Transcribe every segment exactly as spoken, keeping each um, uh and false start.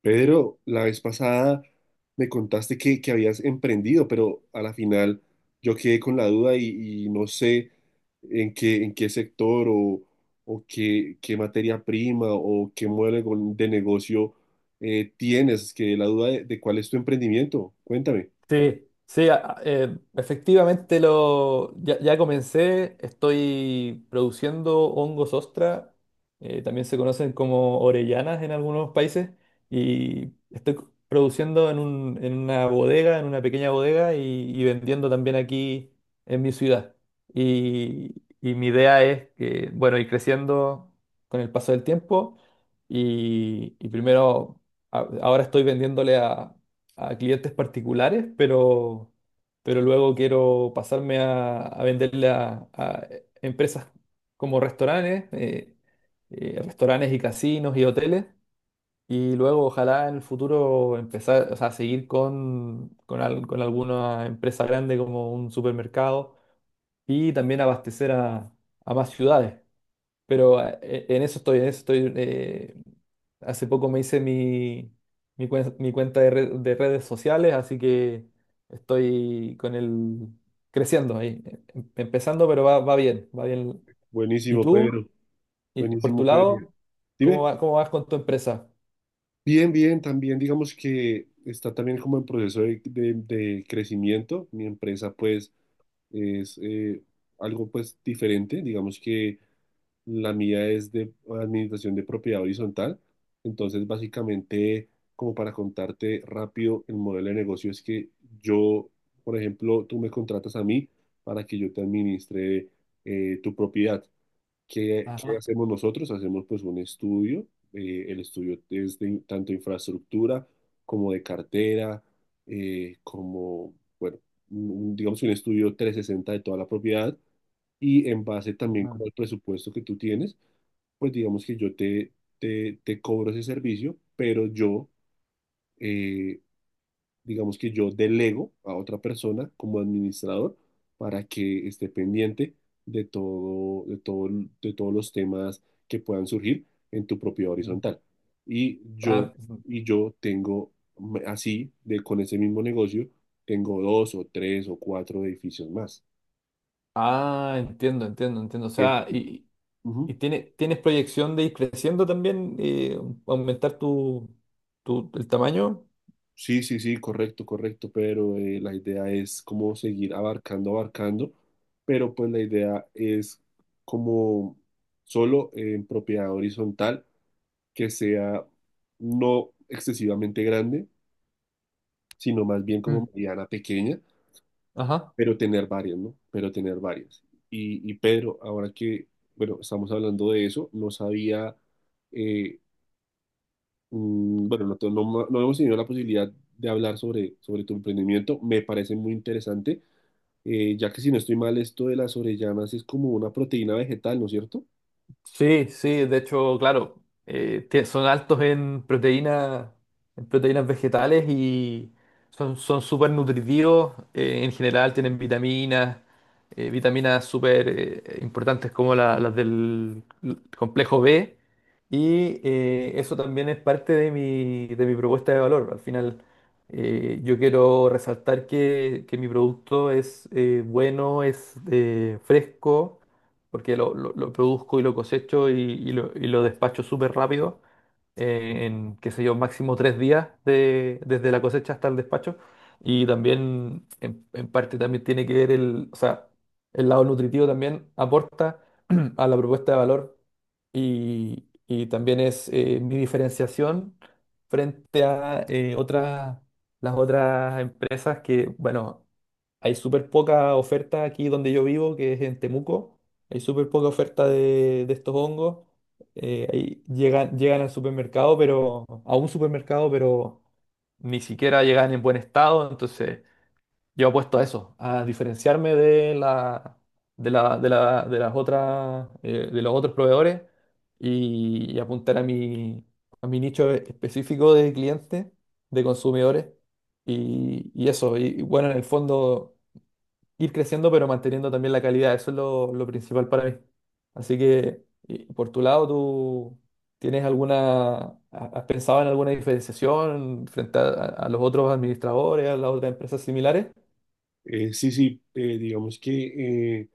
Pedro, la vez pasada me contaste que, que habías emprendido, pero a la final yo quedé con la duda y, y no sé en qué, en qué sector o, o qué, qué materia prima o qué modelo de negocio eh, tienes. Es la duda de, de cuál es tu emprendimiento. Cuéntame. Sí, sí, a- a- eh, efectivamente lo, ya, ya comencé, estoy produciendo hongos ostra, eh, también se conocen como orellanas en algunos países, y estoy c- produciendo en un- en una bodega, en una pequeña bodega, y, y vendiendo también aquí en mi ciudad. Y, y mi idea es que, bueno, ir creciendo con el paso del tiempo, y, y primero, a- ahora estoy vendiéndole a a clientes particulares, pero, pero luego quiero pasarme a, a venderle a, a empresas como restaurantes, eh, eh, restaurantes y casinos y hoteles. Y luego ojalá en el futuro empezar, o sea, seguir con, con, al- con alguna empresa grande como un supermercado y también abastecer a, a más ciudades. Pero ah, e- en eso estoy, en eso estoy. Eh, hace poco me hice mi, mi, cuen- mi cuenta de, red- de redes sociales, así que estoy con el creciendo ahí. eh, em- Empezando, pero va, va bien, va bien. ¿Y Buenísimo, tú? Pedro. ¿Y por Buenísimo, tu Pedro. lado? Dime. ¿Cómo va- cómo vas con tu empresa? Bien, bien, también digamos que está también como en proceso de, de de crecimiento. Mi empresa pues es eh, algo pues diferente, digamos que la mía es de administración de propiedad horizontal, entonces básicamente como para contarte rápido el modelo de negocio es que yo, por ejemplo, tú me contratas a mí para que yo te administre eh, tu propiedad. ¿Qué, Ah, qué hacemos nosotros? Hacemos pues un estudio. Eh, el estudio es de in- tanto infraestructura como de cartera, eh, como, bueno, un- un- digamos un estudio trescientos sesenta de toda la propiedad y en base también ah, como al presupuesto que tú tienes, pues digamos que yo te, te, te cobro ese servicio, pero yo, eh, digamos que yo delego a otra persona como administrador para que esté pendiente de todo, de todo, de todos los temas que puedan surgir en tu propio horizontal. Y yo, ah, y yo tengo m- así, de, con ese mismo negocio, tengo dos o tres o cuatro edificios más. ah, entiendo, entiendo, entiendo. O Eh, sea, y, y ujú. tiene- tienes proyección de ir creciendo también, eh, aumentar tu, tu, el tamaño. Sí, sí, sí, correcto, correcto, pero eh, la idea es como seguir abarcando, abarcando, pero pues la idea es como solo en propiedad horizontal que sea no excesivamente grande, sino más bien como mediana pequeña, Ajá. pero tener varias, ¿no? Pero tener varias. Y, y Pedro, ahora que, bueno, estamos hablando de eso, no sabía eh, Mm, bueno, no, te- no, no hemos tenido la posibilidad de hablar sobre, sobre tu emprendimiento. Me parece muy interesante, eh, ya que si no estoy mal, esto de las orellanas es como una proteína vegetal, ¿no es cierto? Sí, sí, de hecho, claro, eh, tie- son altos en proteínas, en proteínas vegetales y son, son súper nutritivos. Eh, en general tienen vitaminas, eh, vitaminas súper eh, importantes como la- las del complejo be. Y eh, eso también es parte de mi, de mi propuesta de valor. Al final, eh, yo quiero resaltar que, que mi producto es, eh, bueno, es, eh, fresco porque lo, lo- lo produzco y lo cosecho y, y lo, y lo despacho súper rápido, eh, en, qué sé yo, máximo tres días de- desde la cosecha hasta el despacho. Y también, en, en parte, también tiene que ver el, o sea, el lado nutritivo también aporta a la propuesta de valor y, y también es, eh, mi diferenciación frente a, eh, otras, las otras empresas que, bueno, hay súper poca oferta aquí donde yo vivo, que es en Temuco. Hay súper poca oferta de, de estos hongos. Eh, ahí llegan, llegan al supermercado, pero a un supermercado, pero ni siquiera llegan en buen estado. Entonces, yo apuesto a eso, a diferenciarme de la, de la, de la- de las otras, eh, de los otros proveedores y, y apuntar a mi, a mi nicho específico de clientes, de consumidores. Y, y eso, y y bueno, en el fondo ir creciendo, pero manteniendo también la calidad. Eso es lo, lo principal para mí. Así que, y por tu lado, ¿tú tienes alguna, ha- has pensado en alguna diferenciación frente a, a los otros administradores, a las otras empresas similares? Eh, sí, sí, eh, digamos que eh,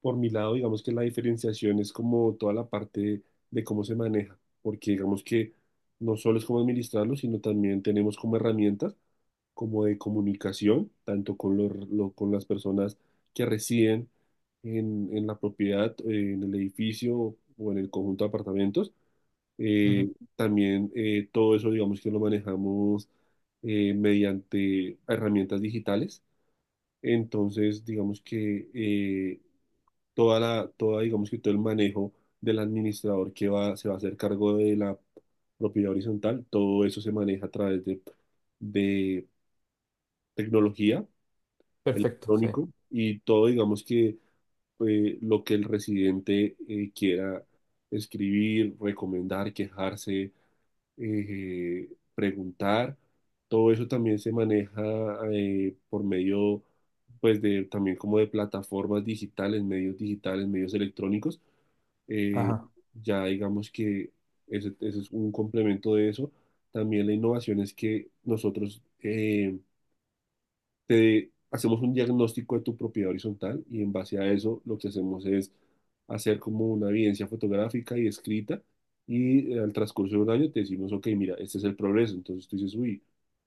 por mi lado, digamos que la diferenciación es como toda la parte de cómo se maneja, porque digamos que no solo es cómo administrarlo, sino también tenemos como herramientas. Como de comunicación, tanto con, los- lo- con las personas que residen en, en la propiedad, eh, en el edificio o en el conjunto de apartamentos. Ujú. Eh, también eh, todo eso, digamos que lo manejamos eh, mediante herramientas digitales. Entonces, digamos que eh, toda la, toda, digamos que todo el manejo del administrador que va, se va a hacer cargo de la propiedad horizontal, todo eso se maneja a través de, de tecnología Perfecto, sí. electrónico y todo, digamos que eh, lo que el residente eh, quiera escribir, recomendar, quejarse, eh, preguntar, todo eso también se maneja eh, por medio, pues, de también como de plataformas digitales, medios digitales, medios electrónicos. Eh, Ajá. ya digamos que ese, ese es un complemento de eso. También la innovación es que nosotros... eh, te hacemos un diagnóstico de tu propiedad horizontal y en base a eso lo que hacemos es hacer como una evidencia fotográfica y escrita y eh, al transcurso de un año te decimos, ok, mira, este es el progreso. Entonces tú dices, uy,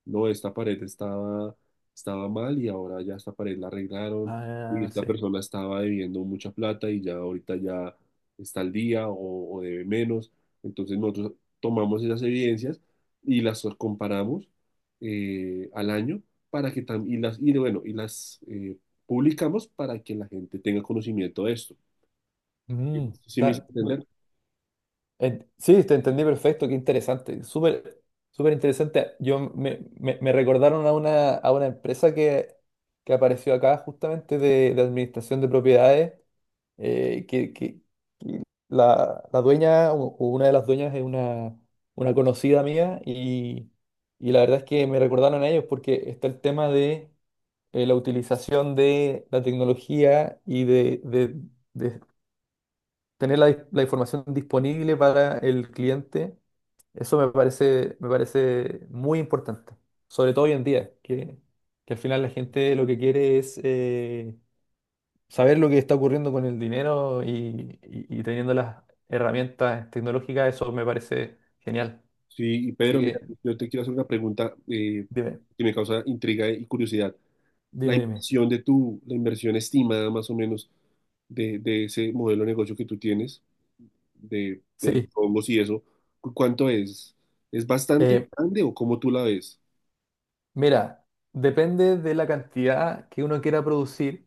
no, esta pared estaba, estaba mal y ahora ya esta pared la arreglaron y Ah, esta sí. persona estaba debiendo mucha plata y ya ahorita ya está al día o, o debe menos. Entonces nosotros tomamos esas evidencias y las comparamos eh, al año para que tam- y las, y bueno, y las eh, publicamos para que la gente tenga conocimiento de esto. Mm, ¿Sí me hice está- entender? en- sí, te entendí perfecto, qué interesante, súper, súper interesante. Yo me, me- me recordaron a una, a una empresa que, que apareció acá justamente de, de administración de propiedades, eh, que, que- que la, la dueña o o una de las dueñas es una, una conocida mía y, y la verdad es que me recordaron a ellos porque está el tema de, eh, la utilización de la tecnología y de, de- de tener la, la información disponible para el cliente. Eso me parece, me parece muy importante, sobre todo hoy en día, que, que al final la gente lo que quiere es, eh, saber lo que está ocurriendo con el dinero y, y- y teniendo las herramientas tecnológicas, eso me parece genial. Sí, y Así Pedro, mira, que yo te quiero hacer una pregunta eh, dime, que me causa intriga y curiosidad. La dime, dime. inversión de tu, la inversión estimada más o menos de, de ese modelo de negocio que tú tienes, de, de los Sí, hongos y eso, ¿cu- ¿cuánto es? ¿Es bastante eh, grande o cómo tú la ves? mira, depende de la cantidad que uno quiera producir,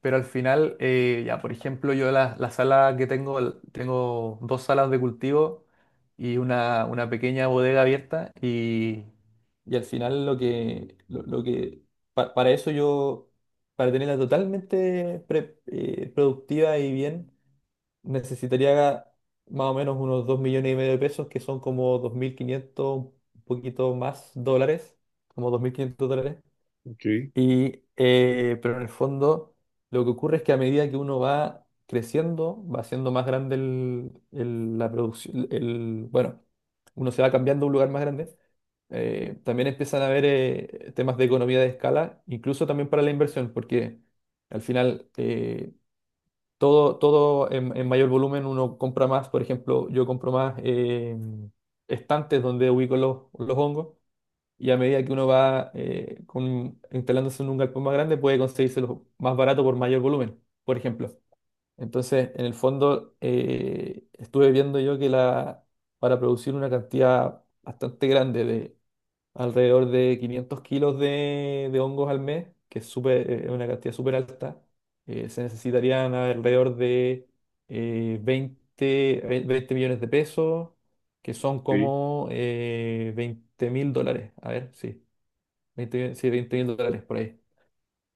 pero al final, eh, ya por ejemplo, yo la, la sala que tengo, l- tengo dos salas de cultivo y una, una pequeña bodega abierta, y, y al final lo que, lo, lo que pa- para eso yo, para tenerla totalmente pre- eh, productiva y bien necesitaría más o menos unos dos millones y medio de pesos, que son como dos mil quinientos un poquito más dólares, como dos mil quinientos dólares. Ok, Y, eh, pero en el fondo, lo que ocurre es que a medida que uno va creciendo, va siendo más grande el, el- la producción, el, bueno, uno se va cambiando a un lugar más grande. Eh, también empiezan a haber, eh, temas de economía de escala, incluso también para la inversión, porque al final, eh, todo, todo en, en mayor volumen uno compra más, por ejemplo, yo compro más, eh, estantes donde ubico los, los hongos y a medida que uno va, eh, con- instalándose en un galpón más grande puede conseguírselos más barato por mayor volumen, por ejemplo. Entonces, en el fondo, eh, estuve viendo yo que la, para producir una cantidad bastante grande, alrededor de quinientos kilos de, de hongos al mes, que es súper, eh, una cantidad súper alta. Eh, se necesitarían alrededor de, eh, 20, ve- veinte millones de pesos, que son ok, como, eh, veinte mil dólares. A ver, sí, 20, mil- sí, veinte mil dólares por ahí.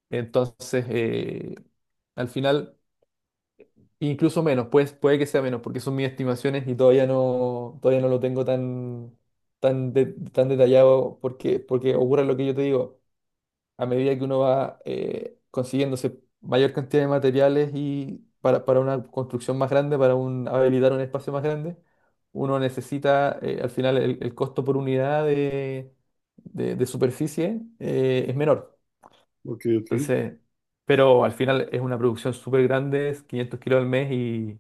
Entonces, eh, al final, incluso menos, pues puede que sea menos, porque son mis estimaciones y todavía no, todavía no lo tengo tan, tan, de- tan detallado porque, porque ocurre lo que yo te digo a medida que uno va, eh, consiguiéndose mayor cantidad de materiales y para, para una construcción más grande, para un, habilitar un espacio más grande, uno necesita, eh, al final el, el costo por unidad de, de- de superficie, eh, es menor. ok, ok. Entonces, pero al final es una producción súper grande, es quinientos kilos al mes, y,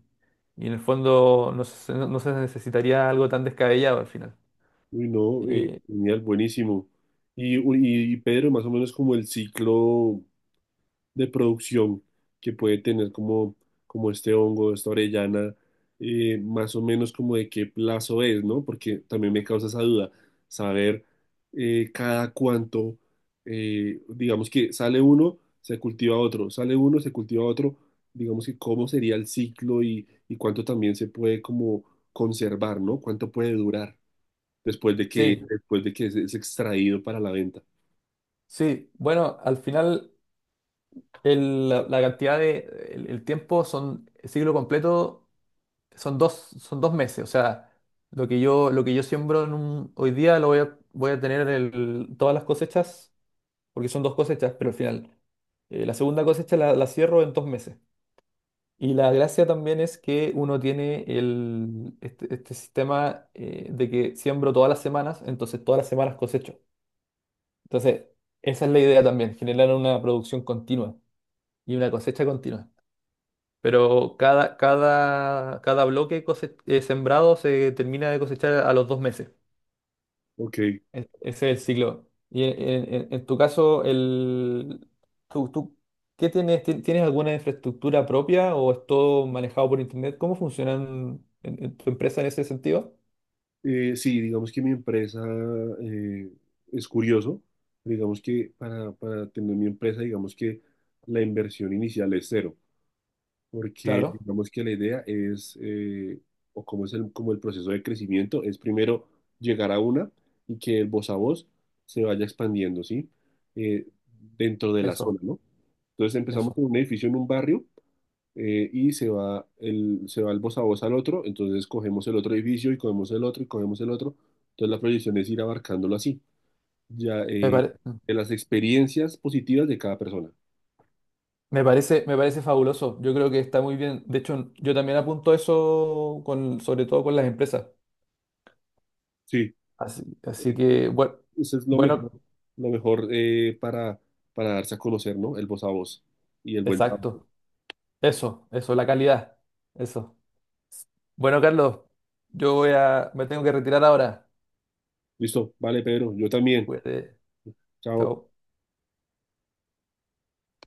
y en el fondo no se, no- no se necesitaría algo tan descabellado al final. Uy, no, eh, Eh, genial, buenísimo. Y, u- y, y Pedro, más o menos como el ciclo de producción que puede tener como, como este hongo, esta orellana, eh, más o menos como de qué plazo es, ¿no? Porque también me causa esa duda, saber eh, cada cuánto, eh, digamos que sale uno, se cultiva otro, sale uno, se cultiva otro, digamos que cómo sería el ciclo y, y cuánto también se puede como conservar, ¿no? ¿Cuánto puede durar? Después de que, sí, después de que es, es extraído para la venta. sí, bueno, al final, El- la, la cantidad de, el, el tiempo son, el ciclo completo son dos, son dos meses. O sea, lo que yo, lo que yo siembro en un- hoy día lo voy a, voy a tener el- todas las cosechas, porque son dos cosechas, pero al final. Eh, la segunda cosecha la, la cierro en dos meses. Y la gracia también es que uno tiene el, este, este sistema, eh, de que siembro todas las semanas, entonces todas las semanas cosecho. Entonces, esa es la idea también, generar una producción continua y una cosecha continua. Pero cada, cada, cada bloque cose- eh, sembrado se termina de cosechar a los dos meses. Ok, E- Ese es el ciclo. Y en, en- en- en tu caso, el, tú, tú, ¿qué tienes? ¿Ti- ¿Tienes alguna infraestructura propia o es todo manejado por internet? ¿Cómo funcionan en, en tu empresa en ese sentido? Eh, sí, digamos que mi empresa eh, es curioso, digamos que para, para tener mi empresa, digamos que la inversión inicial es cero, porque Claro, digamos que la idea es, eh, o como es el, como el proceso de crecimiento, es primero llegar a una y que el voz a voz se vaya expandiendo, ¿sí? Eh, dentro de la eso, zona, ¿no? Entonces empezamos eso. con un edificio en un barrio eh, y se va el, se va el voz a voz al otro, entonces cogemos el otro edificio y cogemos el otro y cogemos el otro. Entonces la proyección es ir abarcándolo así, ya Me eh, pare- de las experiencias positivas de cada persona. Me parece, me parece fabuloso. Yo creo que está muy bien. De hecho, yo también apunto eso con, sobre todo con las empresas. Sí, Así, así eso es que, bueno, eso es lo mejor, bueno. lo mejor eh, para, para darse a conocer, ¿no? El voz a voz y el buen trabajo. Exacto. Eso, eso, la calidad. Eso. Bueno, Carlos, yo voy a, me tengo que retirar ahora. Listo, vale, Pedro, yo también. Cuídate. Chao. Chao.